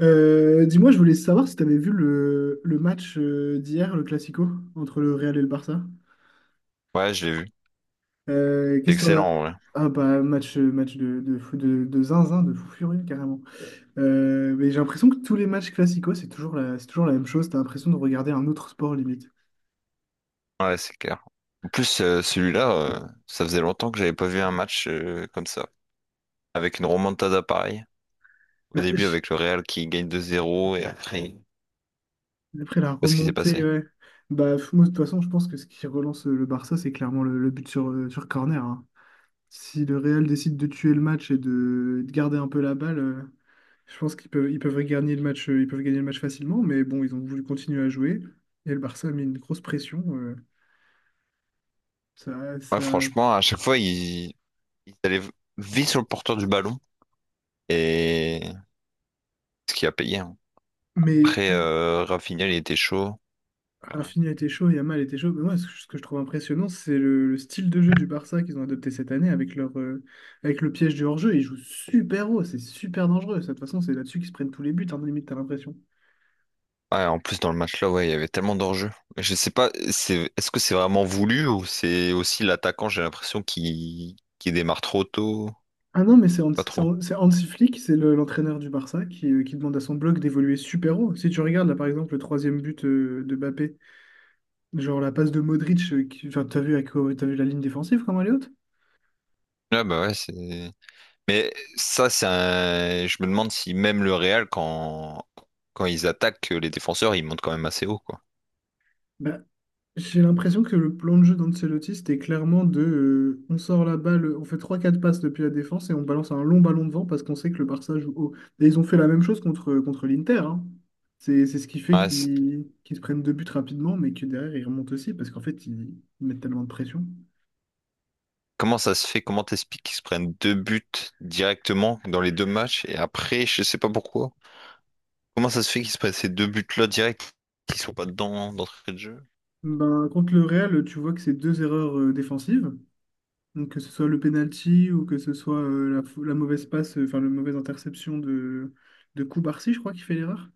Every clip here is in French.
Dis-moi, je voulais savoir si tu avais vu le match d'hier, le Classico, entre le Real et le Barça. Ouais, je l'ai vu. C'est Qu'est-ce que t'en excellent, as? en vrai. Ah bah match, de zinzin, de fou furieux carrément. Mais j'ai l'impression que tous les matchs Classico, c'est toujours la même chose. T'as l'impression de regarder un autre sport limite. Ouais, c'est clair. En plus, celui-là, ça faisait longtemps que j'avais pas vu un match comme ça. Avec une remontada pareille. Au Bah, début, j- avec le Real qui gagne deux zéro et après, je sais Après la pas ce qui s'est remontée, passé. ouais. Moi, de toute façon, je pense que ce qui relance le Barça, c'est clairement le but sur corner, hein. Si le Real décide de tuer le match et de garder un peu la balle. Je pense qu'ils peuvent gagner le match, ils peuvent gagner le match facilement, mais bon, ils ont voulu continuer à jouer. Et le Barça a mis une grosse pression. Ça, Ouais, ça... franchement, à chaque fois, ils allaient vite sur le porteur du ballon. Et ce qui a payé, hein. Mais Après, Rafinha, il était chaud. Ouais. Rafinha était chaud, Yamal était chaud. Mais moi, ce que je trouve impressionnant, c'est le style de jeu du Barça qu'ils ont adopté cette année avec avec le piège du hors-jeu. Ils jouent super haut, c'est super dangereux. Ça, de toute façon, c'est là-dessus qu'ils se prennent tous les buts, hein, limite, t'as l'impression. Ouais, en plus, dans le match-là, ouais, il y avait tellement d'enjeux. Mais je sais pas, c'est, est-ce que c'est vraiment voulu ou c'est aussi l'attaquant, j'ai l'impression, qui démarre trop tôt? Ah non, mais c'est Hans, Pas c'est trop. Hans- c'est Hansi Flick, c'est l'entraîneur du Barça qui demande à son bloc d'évoluer super haut. Si tu regardes là par exemple le troisième but de Mbappé. Genre la passe de Modric, enfin, t'as vu, t'as vu la ligne défensive comment elle est haute? Ah bah ouais, c'est. Mais ça, c'est un. Je me demande si même le Real, quand ils attaquent les défenseurs, ils montent quand même assez haut, quoi. Bah, j'ai l'impression que le plan de jeu d'Ancelotti, c'était clairement de on sort la balle, on fait trois quatre passes depuis la défense et on balance un long ballon devant parce qu'on sait que le Barça joue haut. Et ils ont fait la même chose contre l'Inter, hein. C'est ce qui fait Ouais, c'est. qu'ils se prennent deux buts rapidement, mais que derrière ils remontent aussi parce qu'en fait ils mettent tellement de pression. Comment ça se fait? Comment t'expliques qu'ils se prennent deux buts directement dans les deux matchs et après, je sais pas pourquoi. Comment ça se fait qu'ils se prennent ces deux buts-là direct, qui sont pas dedans d'entrée de jeu? Ben, contre le Real, tu vois que c'est deux erreurs défensives. Donc, que ce soit le penalty ou que ce soit la mauvaise passe, enfin la mauvaise interception de Koubarsi, je crois, qui fait l'erreur.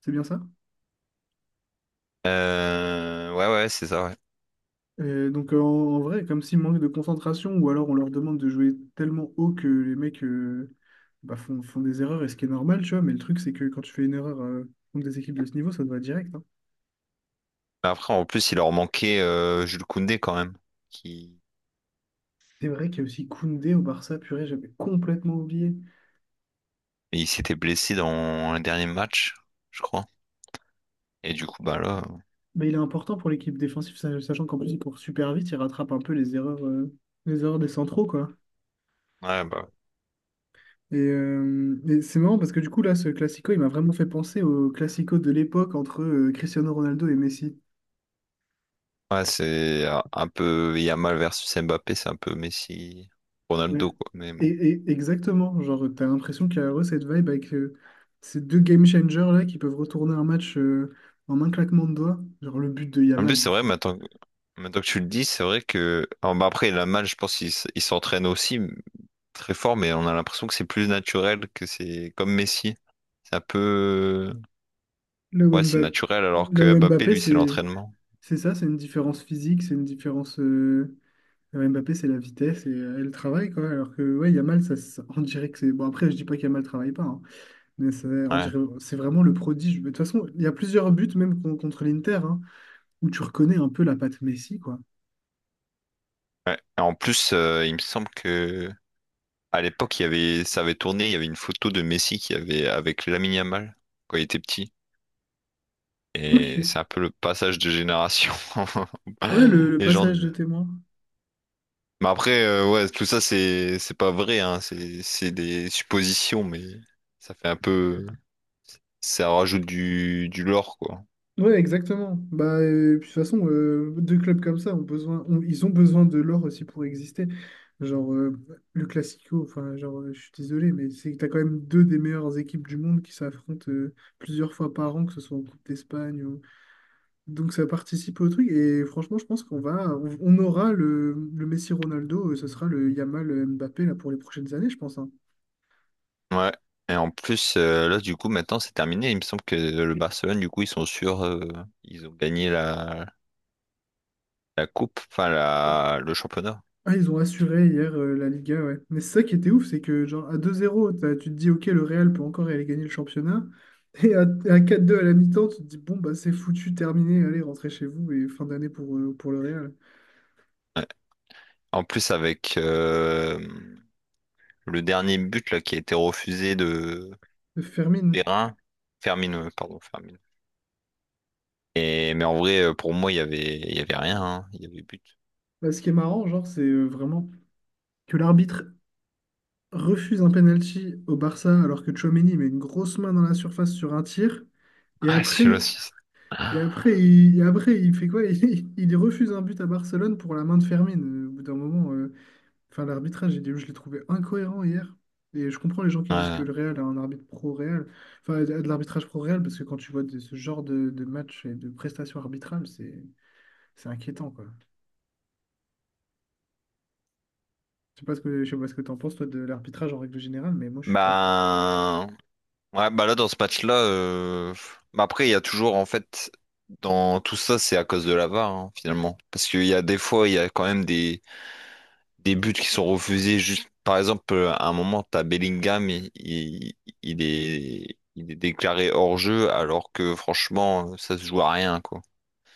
C'est bien ça? Ouais, ouais, c'est ça. Ouais. Donc en vrai, comme s'il manque de concentration, ou alors on leur demande de jouer tellement haut que les mecs bah, font des erreurs, et ce qui est normal, tu vois, mais le truc c'est que quand tu fais une erreur contre des équipes de ce niveau, ça te va direct, hein. Mais après, en plus, il leur manquait Jules Koundé quand même, qui, C'est vrai qu'il y a aussi Koundé au Barça, purée, j'avais complètement oublié. et il s'était blessé dans le dernier match, je crois. Et du coup, bah là. Mais il est important pour l'équipe défensive, sachant qu'en plus il court super vite, il rattrape un peu les erreurs des centraux, quoi. Ouais, bah, ouais. Et c'est marrant parce que du coup, là, ce classico, il m'a vraiment fait penser au classico de l'époque entre Cristiano Ronaldo et Messi. Ouais, c'est un peu Yamal versus Mbappé, c'est un peu Messi, Ouais. Ronaldo, quoi. Mais bon. Exactement, genre, t'as l'impression qu'il y a vraiment cette vibe avec ces deux game changers là qui peuvent retourner un match en un claquement de doigts. Genre, le but de En plus, Yamal, il c'est vrai, faut. Maintenant que tu le dis, c'est vrai que. Alors, bah, après, Yamal, je pense il s'entraîne aussi très fort, mais on a l'impression que c'est plus naturel, que c'est comme Messi. C'est un peu. Là où Ouais, c'est Mbappé, naturel, alors là que où Mbappé, Mbappé, lui, c'est c'est l'entraînement. c'est ça, c'est une différence physique, c'est une différence. Mbappé, c'est la vitesse et le travail, quoi. Alors que, ouais, Yamal, on dirait que c'est. Bon, après, je dis pas qu'Yamal travaille pas, hein. Mais c'est, on Ouais. dirait, c'est vraiment le prodige. Mais de toute façon, il y a plusieurs buts, même contre l'Inter, hein, où tu reconnais un peu la patte Messi, quoi. Ouais. Et en plus, il me semble que. À l'époque, il y avait, ça avait tourné, il y avait une photo de Messi qui avait avec Lamine Yamal quand il était petit. Et Ok. c'est un peu le passage de génération. Ouais, le Les gens. passage de témoin. Mais après, ouais, tout ça, c'est pas vrai, hein. C'est des suppositions, mais ça fait un peu. Ça rajoute du lore, quoi. Ouais, exactement. Bah, puis de toute façon, deux clubs comme ça ont ils ont besoin de l'or aussi pour exister. Genre, le Classico, enfin, genre, je suis désolé, mais c'est que t'as quand même deux des meilleures équipes du monde qui s'affrontent plusieurs fois par an, que ce soit en Coupe d'Espagne. Donc ça participe au truc et franchement je pense qu'on aura le Messi Ronaldo, ce sera le Yamal Mbappé là pour les prochaines années je pense, hein. Ouais. Et en plus, là, du coup, maintenant, c'est terminé. Il me semble que le Barcelone, du coup, ils sont sûrs. Ils ont gagné la coupe, enfin, le championnat. Ah ils ont assuré hier la Liga, ouais. Mais c'est ça qui était ouf, c'est que genre à 2-0 tu te dis ok, le Real peut encore aller gagner le championnat et à 4-2 à la mi-temps, tu te dis bon bah c'est foutu, terminé, allez rentrez chez vous et fin d'année pour le Real. Ouais. En plus, avec le dernier but là, qui a été refusé de. Fermin. Perrin, Fermine, pardon, Fermine. Et, mais en vrai, pour moi, il y avait rien, hein. Il y avait but. Bah, ce qui est marrant genre c'est vraiment que l'arbitre refuse un penalty au Barça alors que Tchouaméni met une grosse main dans la surface sur un tir. Et Ah, celui-là, après, si. et après, il fait quoi? Il refuse un but à Barcelone pour la main de Fermin. Au bout d'un moment, enfin, l'arbitrage, j'ai dit, je l'ai trouvé incohérent hier. Et je comprends les gens qui disent Ouais. que le Real a un arbitre pro-Real, enfin, a de l'arbitrage pro-Real, parce que quand tu vois ce genre de match et de prestations arbitrales, c'est inquiétant, quoi. Je sais pas ce que, je sais pas ce que t'en penses, toi, de l'arbitrage en règle générale, mais moi, je suis pas fan. Bah, ouais, bah là, dans ce match-là, bah après, il y a toujours, en fait, dans tout ça, c'est à cause de la VAR, hein, finalement. Parce qu'il y a des fois, il y a quand même des buts qui sont refusés. Juste, par exemple, à un moment, t'as Bellingham, il est déclaré hors-jeu, alors que franchement, ça se joue à rien, quoi.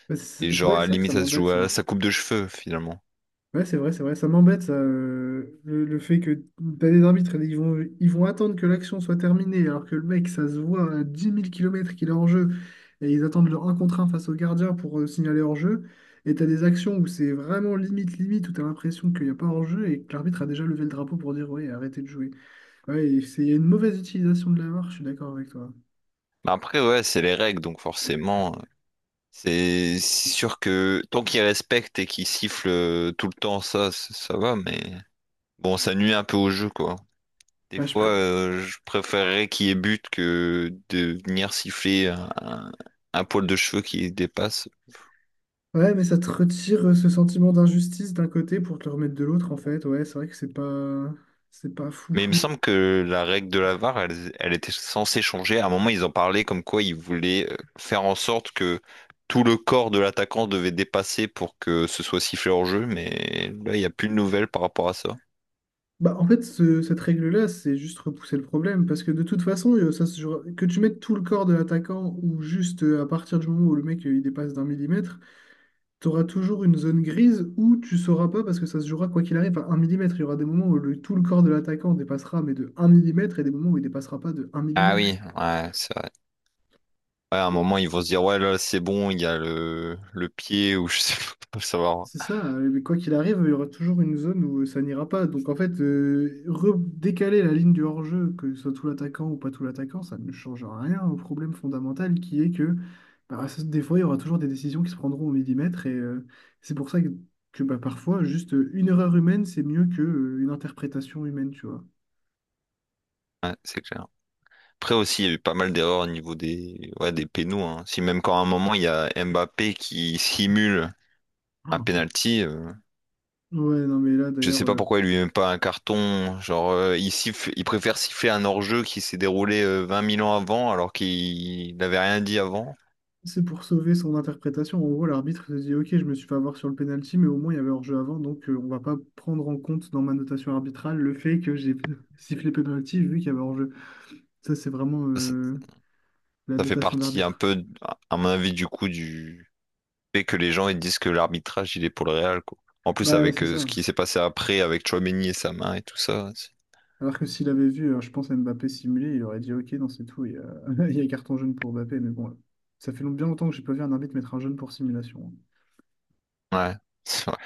Bah, Et genre, ouais, à la c'est vrai que ça limite, ça se m'embête, joue ça. à sa coupe de cheveux, finalement. Ouais, c'est vrai, c'est vrai. Ça m'embête, ça, le fait que t'as des arbitres, ils vont attendre que l'action soit terminée, alors que le mec, ça se voit à 10 000 km qu'il est hors jeu, et ils attendent leur 1 contre un face au gardien pour signaler hors jeu. Et t'as des actions où c'est vraiment limite, limite, où t'as l'impression qu'il n'y a pas hors jeu et que l'arbitre a déjà levé le drapeau pour dire, ouais, arrêtez de jouer. Ouais, et c'est il y a une mauvaise utilisation de la VAR, je suis d'accord avec toi. Mais après, ouais, c'est les règles, donc forcément, c'est sûr que tant qu'ils respectent et qu'ils sifflent tout le temps, ça va, mais bon, ça nuit un peu au jeu, quoi. Des Bah, je fois, pré- je préférerais qu'il y ait but que de venir siffler un, un poil de cheveux qui dépasse. Ouais, mais ça te retire ce sentiment d'injustice d'un côté pour te le remettre de l'autre, en fait. Ouais, c'est vrai que c'est pas Mais il me foufou. semble que la règle de la VAR, elle était censée changer. À un moment, ils en parlaient comme quoi ils voulaient faire en sorte que tout le corps de l'attaquant devait dépasser pour que ce soit sifflé hors jeu. Mais là, il n'y a plus de nouvelles par rapport à ça. Bah, en fait, cette règle-là, c'est juste repousser le problème, parce que de toute façon, que tu mettes tout le corps de l'attaquant ou juste à partir du moment où le mec il dépasse d'un millimètre, tu auras toujours une zone grise où tu sauras pas, parce que ça se jouera quoi qu'il arrive à un millimètre. Il y aura des moments où tout le corps de l'attaquant dépassera, mais de un millimètre, et des moments où il dépassera pas de un Ah millimètre. oui, ouais, c'est vrai. Ouais, à un moment, ils vont se dire, ouais, là, c'est bon, il y a le pied ou je sais pas, faut le savoir. C'est ça, mais quoi qu'il arrive, il y aura toujours une zone où ça n'ira pas. Donc en fait, redécaler la ligne du hors-jeu, que ce soit tout l'attaquant ou pas tout l'attaquant, ça ne change rien au problème fondamental qui est que bah, ça- des fois, il y aura toujours des décisions qui se prendront au millimètre. Et c'est pour ça que, bah, parfois, juste une erreur humaine, c'est mieux qu'une interprétation humaine, tu vois. Ouais, c'est clair. Après aussi, il y a eu pas mal d'erreurs au niveau ouais, des pénaux, hein. Si même quand à un moment, il y a Mbappé qui simule un Oh. penalty, Ouais, non, mais là, je d'ailleurs. sais pas pourquoi il lui met pas un carton. Genre, il préfère siffler un hors-jeu qui s'est déroulé 20 000 ans avant alors qu'il n'avait rien dit avant. C'est pour sauver son interprétation. En gros, l'arbitre se dit, OK, je me suis fait avoir sur le penalty, mais au moins il y avait hors-jeu avant, donc on va pas prendre en compte dans ma notation arbitrale le fait que j'ai sifflé penalty vu qu'il y avait hors-jeu. Ça, c'est vraiment Ça, la ça fait notation partie un d'arbitre. peu, à mon avis, du coup, du fait que les gens ils disent que l'arbitrage il est pour le Real, quoi. En plus, Bah, avec c'est ce ça. qui s'est passé après avec Tchouaméni et sa main et tout ça. C'est. Alors que s'il avait vu, je pense, à Mbappé simuler, il aurait dit, OK, non, c'est tout, il y a, il y a carton jaune pour Mbappé, mais bon, ça fait bien longtemps que j'ai pas vu un arbitre mettre un jaune pour simulation. Ouais. C'est vrai.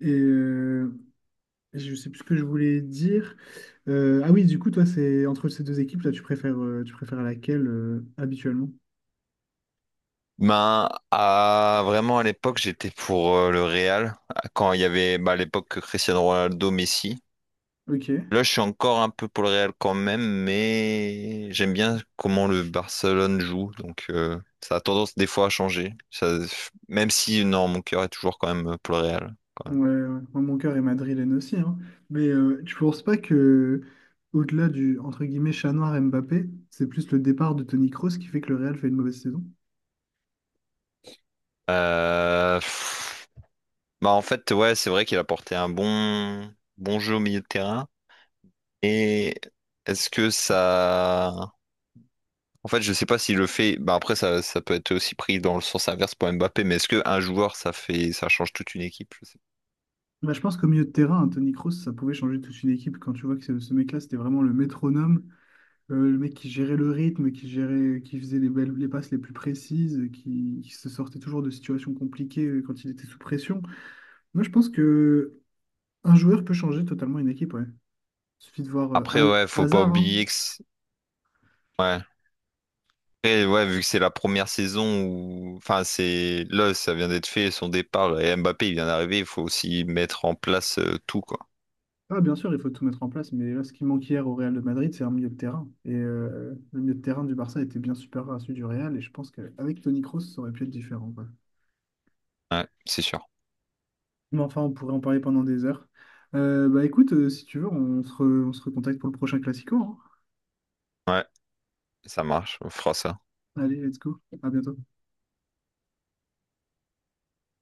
Et, euh, Je sais plus ce que je voulais dire. Ah oui, du coup, toi, c'est entre ces deux équipes, là, tu préfères laquelle habituellement? Vraiment à l'époque, j'étais pour le Real quand il y avait bah, à l'époque Cristiano Ronaldo, Messi. Ok. Ouais, Là, je suis encore un peu pour le Real quand même, mais j'aime bien comment le Barcelone joue. Donc, ça a tendance des fois à changer. Ça, même si, non, mon cœur est toujours quand même pour le Real, quand ouais. même. Moi, mon cœur est madrilène aussi, hein. Mais tu penses pas que, au-delà du entre guillemets chat noir Mbappé, c'est plus le départ de Toni Kroos qui fait que le Real fait une mauvaise saison? Euh, pff, bah, en fait, ouais, c'est vrai qu'il a porté un bon jeu au milieu de terrain. Et est-ce que ça. En fait, je sais pas s'il le fait. Bah, après, ça peut être aussi pris dans le sens inverse pour Mbappé, mais est-ce qu'un joueur, ça change toute une équipe? Je sais pas. Bah, je pense qu'au milieu de terrain, un Toni Kroos, ça pouvait changer toute une équipe quand tu vois que ce mec-là, c'était vraiment le métronome. Le mec qui gérait le rythme, qui gérait, qui faisait les belles, les passes les plus précises, qui se sortait toujours de situations compliquées quand il était sous pression. Moi, je pense que un joueur peut changer totalement une équipe, ouais. Suffit de voir Après, ouais, faut pas Hazard, hein. oublier que. C'est. Ouais. Après, ouais, vu que c'est la première saison où, enfin, c'est là, ça vient d'être fait, son départ, et Mbappé, il vient d'arriver, il faut aussi mettre en place tout, quoi. Ah, bien sûr, il faut tout mettre en place, mais là, ce qui manquait hier au Real de Madrid, c'est un milieu de terrain. Et le milieu de terrain du Barça était bien supérieur à celui du Real, et je pense qu'avec Toni Kroos, ça aurait pu être différent, quoi. Ouais, c'est sûr. Mais enfin, on pourrait en parler pendant des heures. Bah écoute, si tu veux, on se recontacte pour le prochain Classico, hein. Ouais, ça marche, on fera ça. Allez, let's go. À bientôt.